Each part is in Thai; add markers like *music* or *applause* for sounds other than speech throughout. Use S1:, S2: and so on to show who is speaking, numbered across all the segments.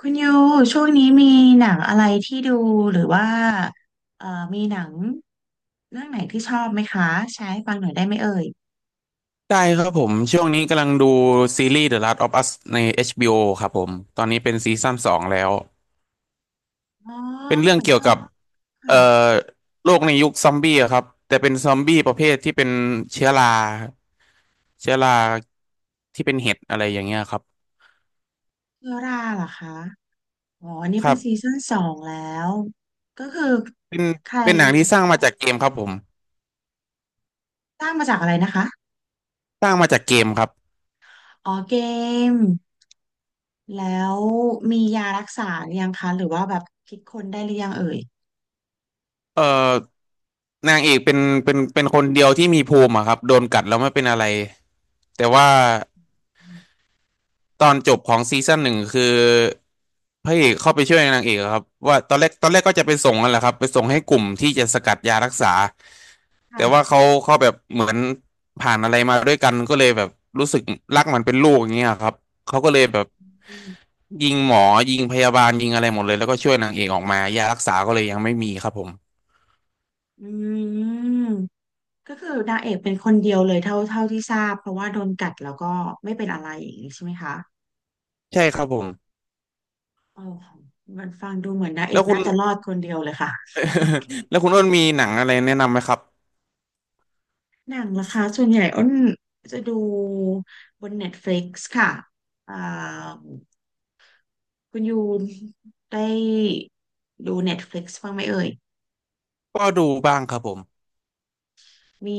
S1: คุณยูช่วงนี้มีหนังอะไรที่ดูหรือว่าเอ่อมีหนังเรื่องไหนที่ชอบไหมคะแชร์ให้ฟังหน่อยได้ไหมเอ่ย
S2: ได้ครับผมช่วงนี้กำลังดูซีรีส์ The Last of Us ใน HBO ครับผมตอนนี้เป็นซีซั่นสองแล้ว
S1: อ๋อ
S2: เป็นเรื่อ
S1: เห
S2: ง
S1: มือน
S2: เกี่
S1: เค
S2: ยว
S1: ย
S2: กับเอ่
S1: ค่ะ
S2: อโลกในยุคซอมบี้อะครับแต่เป็นซอมบี้ประเภทที่เป็นเชื้อราเชื้อราที่เป็นเห็ดอะไรอย่างเงี้ยครับ
S1: เชื้อราเหรอคะอ๋ออันนี้
S2: ค
S1: เป็
S2: รั
S1: นซี
S2: บ
S1: ซั่นสองแล้วก็คือ
S2: เป็น
S1: ใคร
S2: เป็นหนังที่สร้างมาจากเกมครับผม
S1: สร้างมาจากอะไรนะคะ
S2: สร้างมาจากเกมครับ
S1: อ๋อเกมแล้วมียารักษาหรือยังคะหรือว่าแบบคิดค้นได้หรือยังเอ่ย
S2: เอ่อนางเอกเป็นเป็นคนเดียวที่มีภูมิอะครับโดนกัดแล้วไม่เป็นอะไรแต่ว่า ตอนจบของซีซั่นหนึ่งคือพระเอกเข้าไปช่วยนางเอกอะครับว่าตอนแรกก็จะไปส่งนั่นแหละครับไปส่งให้กลุ่มที่จะสกัดยารักษาแต่ว่า
S1: ค่ะ
S2: เขาแบบเหมือนผ่านอะไรมาด้วยกันก็เลยแบบรู้สึกรักมันเป็นลูกอย่างเงี้ยครับเขาก็เลยแบบยิงหมอยิงพยาบาลยิงอะไรหมดเลยแล้วก็ช่วยนางเอกออกมายารักษาก็เลยยังไม่มีครับผม
S1: อืม ก็คือนางเอกเป็นคนเดียวเลยเท่าที่ทราบเพราะว่าโดนกัดแล้วก็ไม่เป็นอะไรอย่างนี้ใช่ไหมคะ
S2: ใช่ครับผม
S1: โอ้โหมันฟังดูเหมือนนางเอ
S2: แล้
S1: ก
S2: วคุณ
S1: น่าจะรอดคนเดียวเลยค่ะ
S2: *laughs* แล้วคุณอ้นมีหนังอะไรแนะนำไหมครับ
S1: *laughs* หนังล่ะคะส่วนใหญ่อ้นจะดูบน Netflix ค่ะอ่าคุณยูได้ดู Netflix บ้างไหมเอ่ย
S2: ก็ดูบ้างครับผม
S1: มี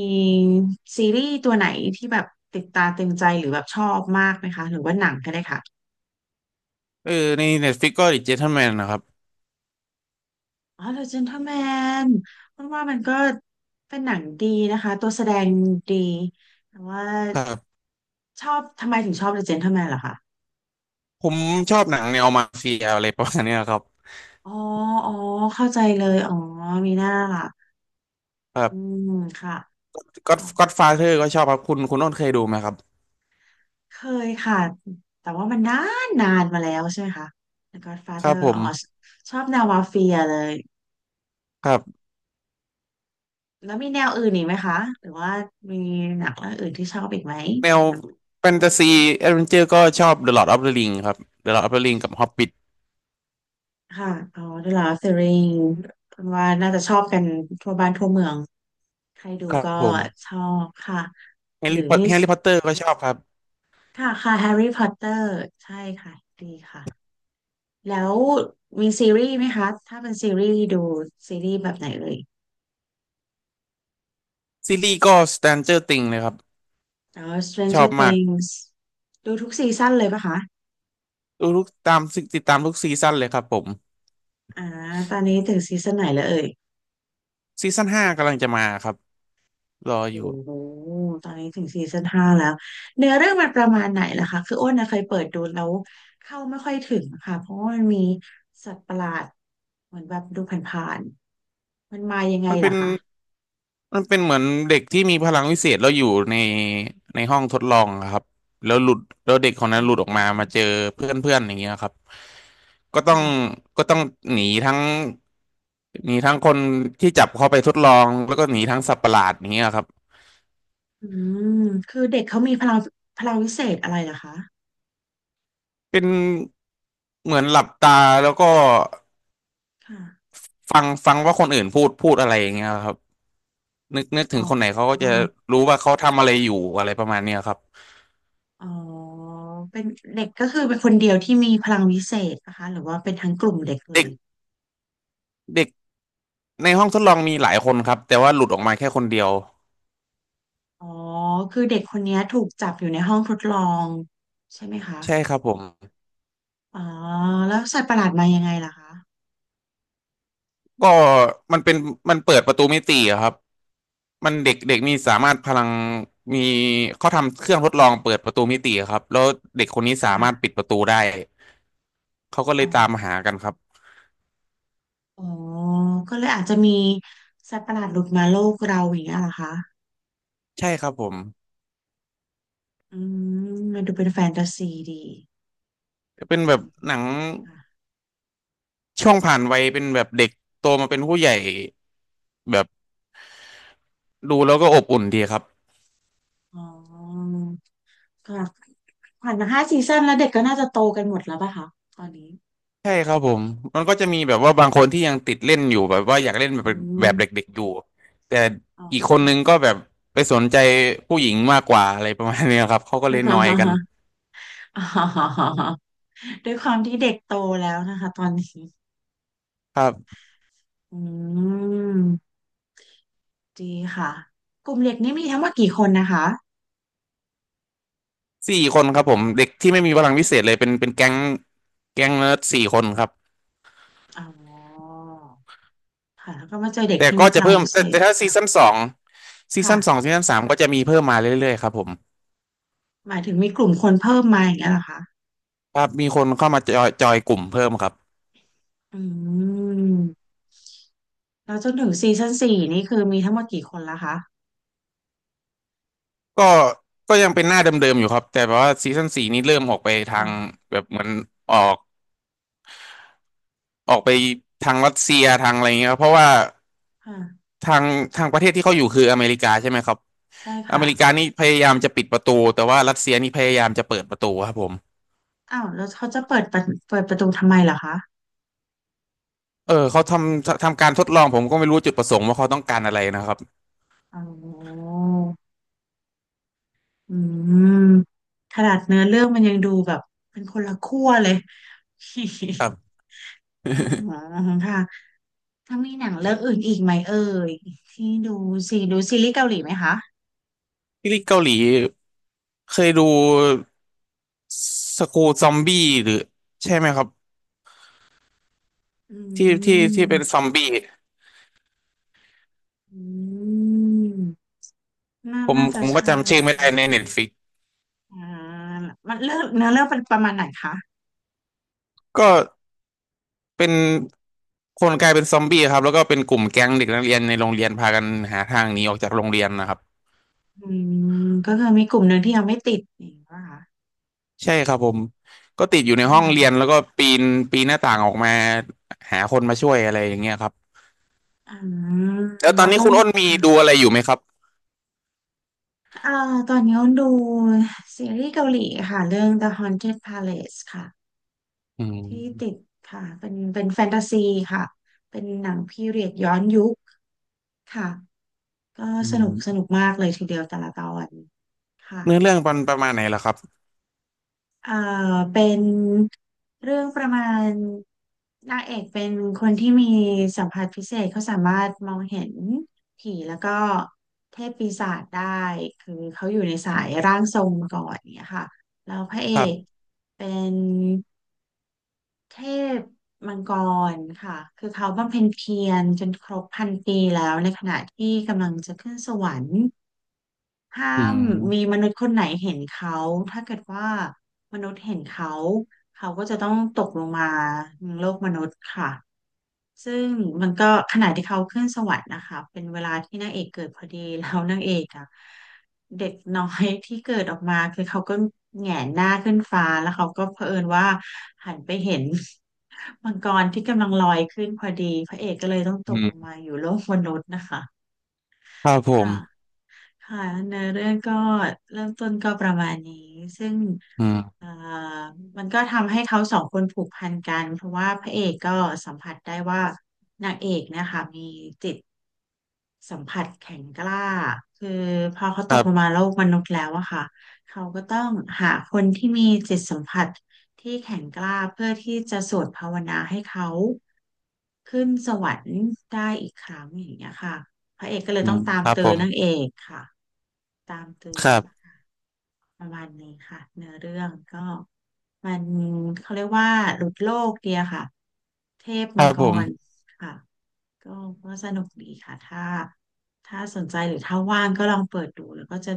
S1: ซีรีส์ตัวไหนที่แบบติดตาตึงใจหรือแบบชอบมากไหมคะหรือว่าหนังก็ได้ค่ะ
S2: เออใน Netflix ก็ The Gentleman นะครับ
S1: อ๋อ The Gentleman มันว่ามันก็เป็นหนังดีนะคะตัวแสดงดีแต่ว่า
S2: ครับ
S1: ชอบทำไมถึงชอบ The Gentleman ล่ะคะ
S2: ผมชอบหนังแนวมาเฟียอะไรประมาณเนี้ยครับ
S1: อ๋ออ๋อเข้าใจเลยอ๋อมีหน้าล่ะ
S2: ครั
S1: อื
S2: บ
S1: มค่ะ
S2: ก็
S1: อ๋อ
S2: ก็อดฟาเธอร์ก็ชอบครับคุณโน้นเคยดูไหมครับ
S1: เคยค่ะแต่ว่ามันนานนานมาแล้วใช่ไหมคะ The
S2: ครับ
S1: Godfather
S2: ผ
S1: อ๋อ
S2: ม
S1: ชอบแนวมาเฟียเลย
S2: ครับ
S1: แล้วมีแนวอื่นอีกไหมคะหรือว่ามีหนังเรื่องอื่นที่ชอบอีกไหม
S2: แนวแฟนตาซีแอดเวนเจอร์ก็ชอบ The Lord of the Ring ครับ The Lord of the Ring กับ Hobbit
S1: ค่ะอ๋อ The Lord of the Ring คุณว่าน่าจะชอบกันทั่วบ้านทั่วเมืองใครดู
S2: ครับ
S1: ก็
S2: ผม
S1: ชอบค่ะ
S2: แฮ
S1: ห
S2: ร์
S1: รือ
S2: รี่พอต
S1: มี
S2: แฮร์รี่พอตเตอร์ก็ชอบครับ
S1: ค่ะค่ะ Harry Potter ใช่ค่ะดีค่ะแล้วมีซีรีส์ไหมคะถ้าเป็นซีรีส์ดูซีรีส์แบบไหนเลย
S2: ซีรีส์ก็ Stranger Things เลยครับ
S1: อ๋อ
S2: ชอ
S1: Stranger
S2: บมาก
S1: Things ดูทุกซีซั่นเลยปะคะ
S2: ดูทุกตามติดตามทุกซีซั่นเลยครับผม
S1: อ่าตอนนี้ถึงซีซั่นไหนแล้วเอ่ย
S2: ซีซั่นห้ากำลังจะมาครับรออ
S1: โอ้
S2: ยู่
S1: โห ตอนนี้ถึงซีซั่นห้าแล้ว เนื้อเรื่องมันประมาณไหนล่ะคะ คืออ้นนะเคยเปิดดูแล้วเข้าไม่ค่อยถึงค่ะเพราะว่ามันมีสัตว์ประหลาดเหมือนแบบดูผ่านๆมันมายังไง
S2: มันเป็
S1: ล่ะ
S2: น
S1: คะ
S2: มันเป็นเหมือนเด็กที่มีพลังวิเศษแล้วอยู่ในในห้องทดลองอะครับแล้วหลุดแล้วเด็กคน
S1: อ๋
S2: นั้นหลุดออกมา
S1: อ
S2: มาเจอเพื่อนเพื่อนอย่างเงี้ยครับก็ต้อง
S1: ค่ะ
S2: ก็ต้องหนีทั้งหนีทั้งคนที่จับเขาไปทดลองแล้วก็หนีทั้งสัตว์ประหลาดอย่างเงี้ยครับ
S1: อืมคือเด็กเขามีพลังพลังวิเศษอะไรล่ะคะ
S2: เป็นเหมือนหลับตาแล้วก็
S1: ค่ะ
S2: ฟังว่าคนอื่นพูดอะไรอย่างเงี้ยครับนึกถึ
S1: อ๋อ
S2: งคนไหนเขาก็จะรู้ว่าเขาทำอะไรอยู่อะไรประมาณเนี้ยครับ
S1: อ๋อเป็นเด็กก็คือเป็นคนเดียวที่มีพลังวิเศษนะคะ หรือว่าเป็นทั้งกลุ่มเด็กเล
S2: เด็ก
S1: ย
S2: เด็กในห้องทดลองมีหลายคนครับแต่ว่าหลุดออกมาแค่คนเดียว
S1: อ๋อคือเด็กคนเนี้ยถูกจับอยู่ในห้องทดลองใช่ไหมคะ
S2: ใช่ครับผม
S1: อ๋อแล้วสัตว์ประหลาดมายังไงล่ะคะ
S2: ก็มันเป็นมันเปิดประตูมิติอะครับมันเด็กเด็กมีสามารถพลังมีเขาทำเครื่องทดลองเปิดประตูมิติอะครับแล้วเด็กคนนี้สา
S1: ค่ะ
S2: มารถปิดประตูได้เขาก็เล
S1: อ๋อ
S2: ยตามหากันครับ
S1: อ๋อก็เลยอาจจะมีสัตว์ประหลาดหลุดมาโลกเราอย่างเงี้ยเหรอคะ
S2: ใช่ครับผม
S1: อืมมันดูเป็นแฟนตาซีดี
S2: เป็นแบบ
S1: อืม
S2: หนัง
S1: ค่ะ
S2: ช่วงผ่านวัยเป็นแบบเด็กโตมาเป็นผู้ใหญ่แบบดูแล้วก็อบอุ่นดีครับ
S1: อ๋อก็ผ่านมาห้าซีซั่นแล้วเด็กก็น่าจะโตกันหมดแล้วป่ะคะตอนนี้
S2: ใช่ครับผม มันก็จะมีแบบว่าบางคนที่ยังติดเล่นอยู่แบบว่าอยากเล่น
S1: อื
S2: แบบแบ
S1: ม
S2: บเด็กๆอยู่แต่
S1: อ๋อ
S2: อีกคน
S1: ค่ะ
S2: นึงก็แบบไปสนใจผู้หญิงมากกว่าอะไรประมาณเนี้ยครับเขาก็เลยนอยกัน
S1: *laughs* อ๋อด้วยความที่เด็กโตแล้วนะคะตอนนี้
S2: ครับ
S1: อืมดีค่ะกลุ่มเด็กนี่มีทั้งหมดกี่คนนะคะ
S2: สี่คนครับผมเด็กที่ไม่มีพลังพิเศษเลยเป็นแก๊งเนิร์ดสี่คนครับ
S1: อ๋อค่ะแล้วก็มาเจอเด็ก
S2: แต่
S1: ที่
S2: ก็
S1: มีพ
S2: จะ
S1: ลัง
S2: เพิ่ม
S1: พิเศ
S2: แต่
S1: ษ
S2: แต่ถ้าซี
S1: ค่ะ
S2: ซั่นสองซี
S1: ค่ะ
S2: ซั่นสองซีซั่นสามก็จะมีเพิ่มมาเรื่อยๆครับผม
S1: หมายถึงมีกลุ่มคนเพิ่มมาอย่างเงี้ยเหรอคะ
S2: ครับมีคนเข้ามาจอยกลุ่มเพิ่มครับ
S1: อืมแล้วจนถึงซีซั่นสี่นี่คือมีทั้งหมดกี่คนละคะ
S2: ก็ก็ยังเป็นหน้าเดิมๆอยู่ครับแต่แบบว่าซีซั่นสี่นี้เริ่มออกไปทาง
S1: ค่ะ
S2: แบบเหมือนออกออกไปทางรัสเซียทางอะไรเงี้ยครับเพราะว่า
S1: ค่ะ
S2: ทางทางประเทศที่เขาอยู่คืออเมริกาใช่ไหมครับ
S1: ใช่
S2: อ
S1: ค่ะ
S2: เมริกานี่พยายามจะปิดประตูแต่ว่ารัสเซียนี่พยายามจะเปิดประตูครับผม
S1: อ้าวแล้วเขาจะเปิดประเปิดประตูทำไมเหรอคะ
S2: เขาทำการทดลองผมก็ไม่รู้จุดประสงค์ว่าเขาต้องการอะไรนะครับ
S1: อ๋ออืมขนาดเนื้อเรื่องมันยังดูแบบเป็นคนละขั้วเลย
S2: ครับ
S1: *laughs* อ๋อค่ะ ถ้ามีหนังเรื่องอื่นอีกไหมเอ่ยที่ดูซีดูซีรีส์เกาหลีไหมคะ
S2: *laughs* ที่เกาหลีเคยดูสกูซอมบี้หรือใช่ไหมครับ
S1: อื
S2: ที่เป็นซ
S1: ม
S2: อมบี้
S1: อืมน่า
S2: ผม
S1: น่า
S2: ผ
S1: จะ
S2: มก็
S1: ใช่
S2: จำ
S1: ไหม
S2: ชื่อไม่ได้
S1: คะ
S2: ในเน็ตฟิก
S1: อ่ามันเลือกเนื้อเรื่องเป็นประมาณไหนคะ
S2: ก็เป็นคนกลายเป็นซอมบี้ครับแล้วก็เป็นกลุ่มแก๊งเด็กนักเรียนในโรงเรียนพากันหาทางหนีออกจากโรงเรียนนะครับ
S1: อืมก็คือมีกลุ่มหนึ่งที่ยังไม่ติดอย่างนี้ป่ะคะ
S2: ใช่ครับผมก็ติดอยู่ในห้องเรี
S1: ค่ะ
S2: ยนแล้วก็ปีนปีนหน้าต่างออกมาหาคนมาช่วยอะไรอย่างเงี้ยครับ
S1: อืม
S2: แล้วต
S1: แล้
S2: อ
S1: ว
S2: นนี้
S1: เขา
S2: คุณอ้นมีดู
S1: ค่ะ
S2: อะไรอยู่ไหมครับ
S1: อ่าตอนนี้เขาดูซีรีส์เกาหลีค่ะเรื่อง The Haunted Palace ค่ะ
S2: อื
S1: ที่ติด
S2: ม
S1: ค่ะเป็นเป็นแฟนตาซีค่ะเป็นหนังพีเรียดย้อนยุคค่ะ ก็
S2: อื
S1: สนุกส
S2: ม
S1: นุกมากเลยทีเดียวแต่ละตอนค่ะ
S2: เนื้อเรื่องมันประมาณไหนล่ะครับ
S1: เอ่อเป็นเรื่องประมาณนางเอกเป็นคนที่มีสัมผัสพิเศษเขาสามารถมองเห็นผีแล้วก็เทพปีศาจได้คือเขาอยู่ในสายร่างทรงมาก่อนเนี่ยค่ะแล้วพระเอ
S2: ครั
S1: ก
S2: บ
S1: เป็นเทพมังกรค่ะคือเขาบำเพ็ญเพียรจนครบพันปีแล้วในขณะที่กำลังจะขึ้นสวรรค์ ถ้า
S2: อื
S1: มี
S2: ม
S1: มนุษย์คนไหนเห็นเขาถ้าเกิดว่ามนุษย์เห็นเขาเขาก็จะต้องตกลงมาในโลกมนุษย์ค่ะซึ่งมันก็ขณะที่เขาขึ้นสวรรค์นะคะเป็นเวลาที่นางเอกเกิดพอดี *laughs* แล้วนางเอกอะเด็กน้อยที่เกิดออกมาคือเขาก็แหงนหน้าขึ้นฟ้าแล้วเขาก็เผอิญว่าหันไปเห็น *laughs* มังกรที่กำลังลอยขึ้นพอดีพระเอกก็เลยต้องต
S2: อื
S1: กลง
S2: ม
S1: มาอยู่โลกมนุษย์นะคะ
S2: ครับผ
S1: ค่ะ
S2: ม
S1: ค่ะเนื้อเรื่องก็เริ่มต้นก็ประมาณนี้ซึ่ง
S2: อื
S1: เอ่
S2: ม
S1: อมันก็ทำให้เขาสองคนผูกพันกันเพราะว่าพระเอกก็สัมผัสได้ว่านางเอกเนะคะมีจิตสัมผัสแข็งกล้าคือพอเขา
S2: ค
S1: ตก
S2: รั
S1: ลงมา
S2: บ
S1: โลกมนุษย์แล้วอะค่ะเขาก็ต้องหาคนที่มีจิตสัมผัสที่แข็งกล้าเพื่อที่จะสวดภาวนาให้เขาขึ้นสวรรค์ได้อีกครั้งอย่างเงี้ยค่ะพระเอกก็เลย
S2: อื
S1: ต้อง
S2: ม
S1: ตาม
S2: ครับ
S1: ตื้อ
S2: ผม
S1: นางเอกค่ะ ตามตื้
S2: ค
S1: อ
S2: รับ
S1: ประมาณนี้ค่ะเนื้อเรื่องก็มันเขาเรียกว่าหลุดโลกเดียค่ะเทพ
S2: ค
S1: มั
S2: รั
S1: ง
S2: บ
S1: ก
S2: ผ
S1: ร
S2: ม
S1: ค่ะก็ก็สนุกดีค่ะถ้าถ้าสนใจหรือถ้าว่างก็ลองเปิดดูแล้วก็จะ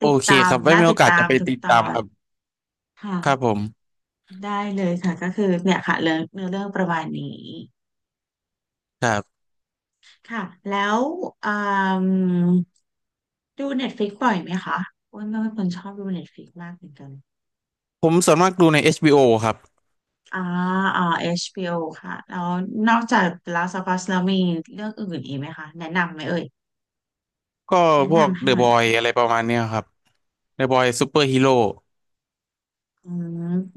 S2: โอ
S1: ติด
S2: เค
S1: ตา
S2: ค
S1: ม
S2: รับไว้
S1: น่า
S2: มีโอ
S1: ติด
S2: กาส
S1: ตา
S2: จะ
S1: ม
S2: ไป
S1: ทุก
S2: ติด
S1: ต
S2: ตา
S1: อ
S2: ม
S1: น
S2: ครับครับผ
S1: ค่ะ
S2: ม
S1: ได้เลยค่ะก็คือเนี่ยค่ะเรื่องเนื้อเรื่องประมาณนี้
S2: ครับ
S1: ค่ะแล้วอืมดู Netflix บ่อยไหมคะอ้วนก็เป็นคนชอบดู Netflix มากเหมือนกัน
S2: ผมส่วนมากดูใน HBO ครับ
S1: อ่า อ่า HBO ค่ะแล้วนอกจาก The Last of Us แล้วมีเรื่องอื่นอีกไหมคะ แนะนำไหมเอ่ย
S2: ก็
S1: แนะ
S2: พวก
S1: นำให้
S2: The
S1: หน่อย
S2: Boy อะไรประมาณเนี้ยครับ The Boy Super Hero โร่
S1: อื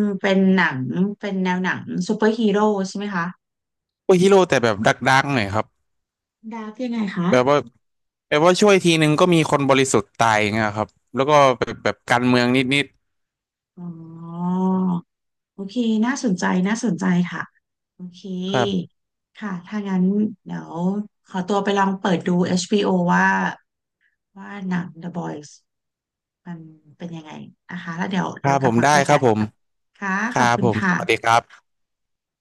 S1: ม เป็นหนัง เป็นแนวหนังซูเปอร์ฮีโร่ใช่ไหมคะ
S2: ซฮีโร่แต่แบบดักๆหน่อยครับ
S1: ดาร์กยังไงคะ
S2: แบบว่าแบบว่าช่วยทีนึงก็มีคนบริสุทธิ์ตายงเงี้ยครับแล้วก็แบบการเมืองนิด
S1: อ๋อ โอเค น่าสนใจ น่าสนใจค่ะ โอเค
S2: ๆครับ
S1: ค่ะ ถ้างั้นเดี๋ยวขอตัวไปลองเปิดดู HBO ว่า ว่าหนัง The Boys มันเป็นยังไงนะคะแล้วเดี๋ยว
S2: ครั
S1: เรา
S2: บ
S1: ก
S2: ผ
S1: ลับ
S2: ม
S1: มา
S2: ได้
S1: คุย
S2: ค
S1: กั
S2: รับ
S1: น
S2: ผม
S1: ค่ะ
S2: ค
S1: ข
S2: รั
S1: อบ
S2: บ
S1: คุ
S2: ผ
S1: ณ
S2: มส
S1: ค่ะ
S2: วัสดีครับ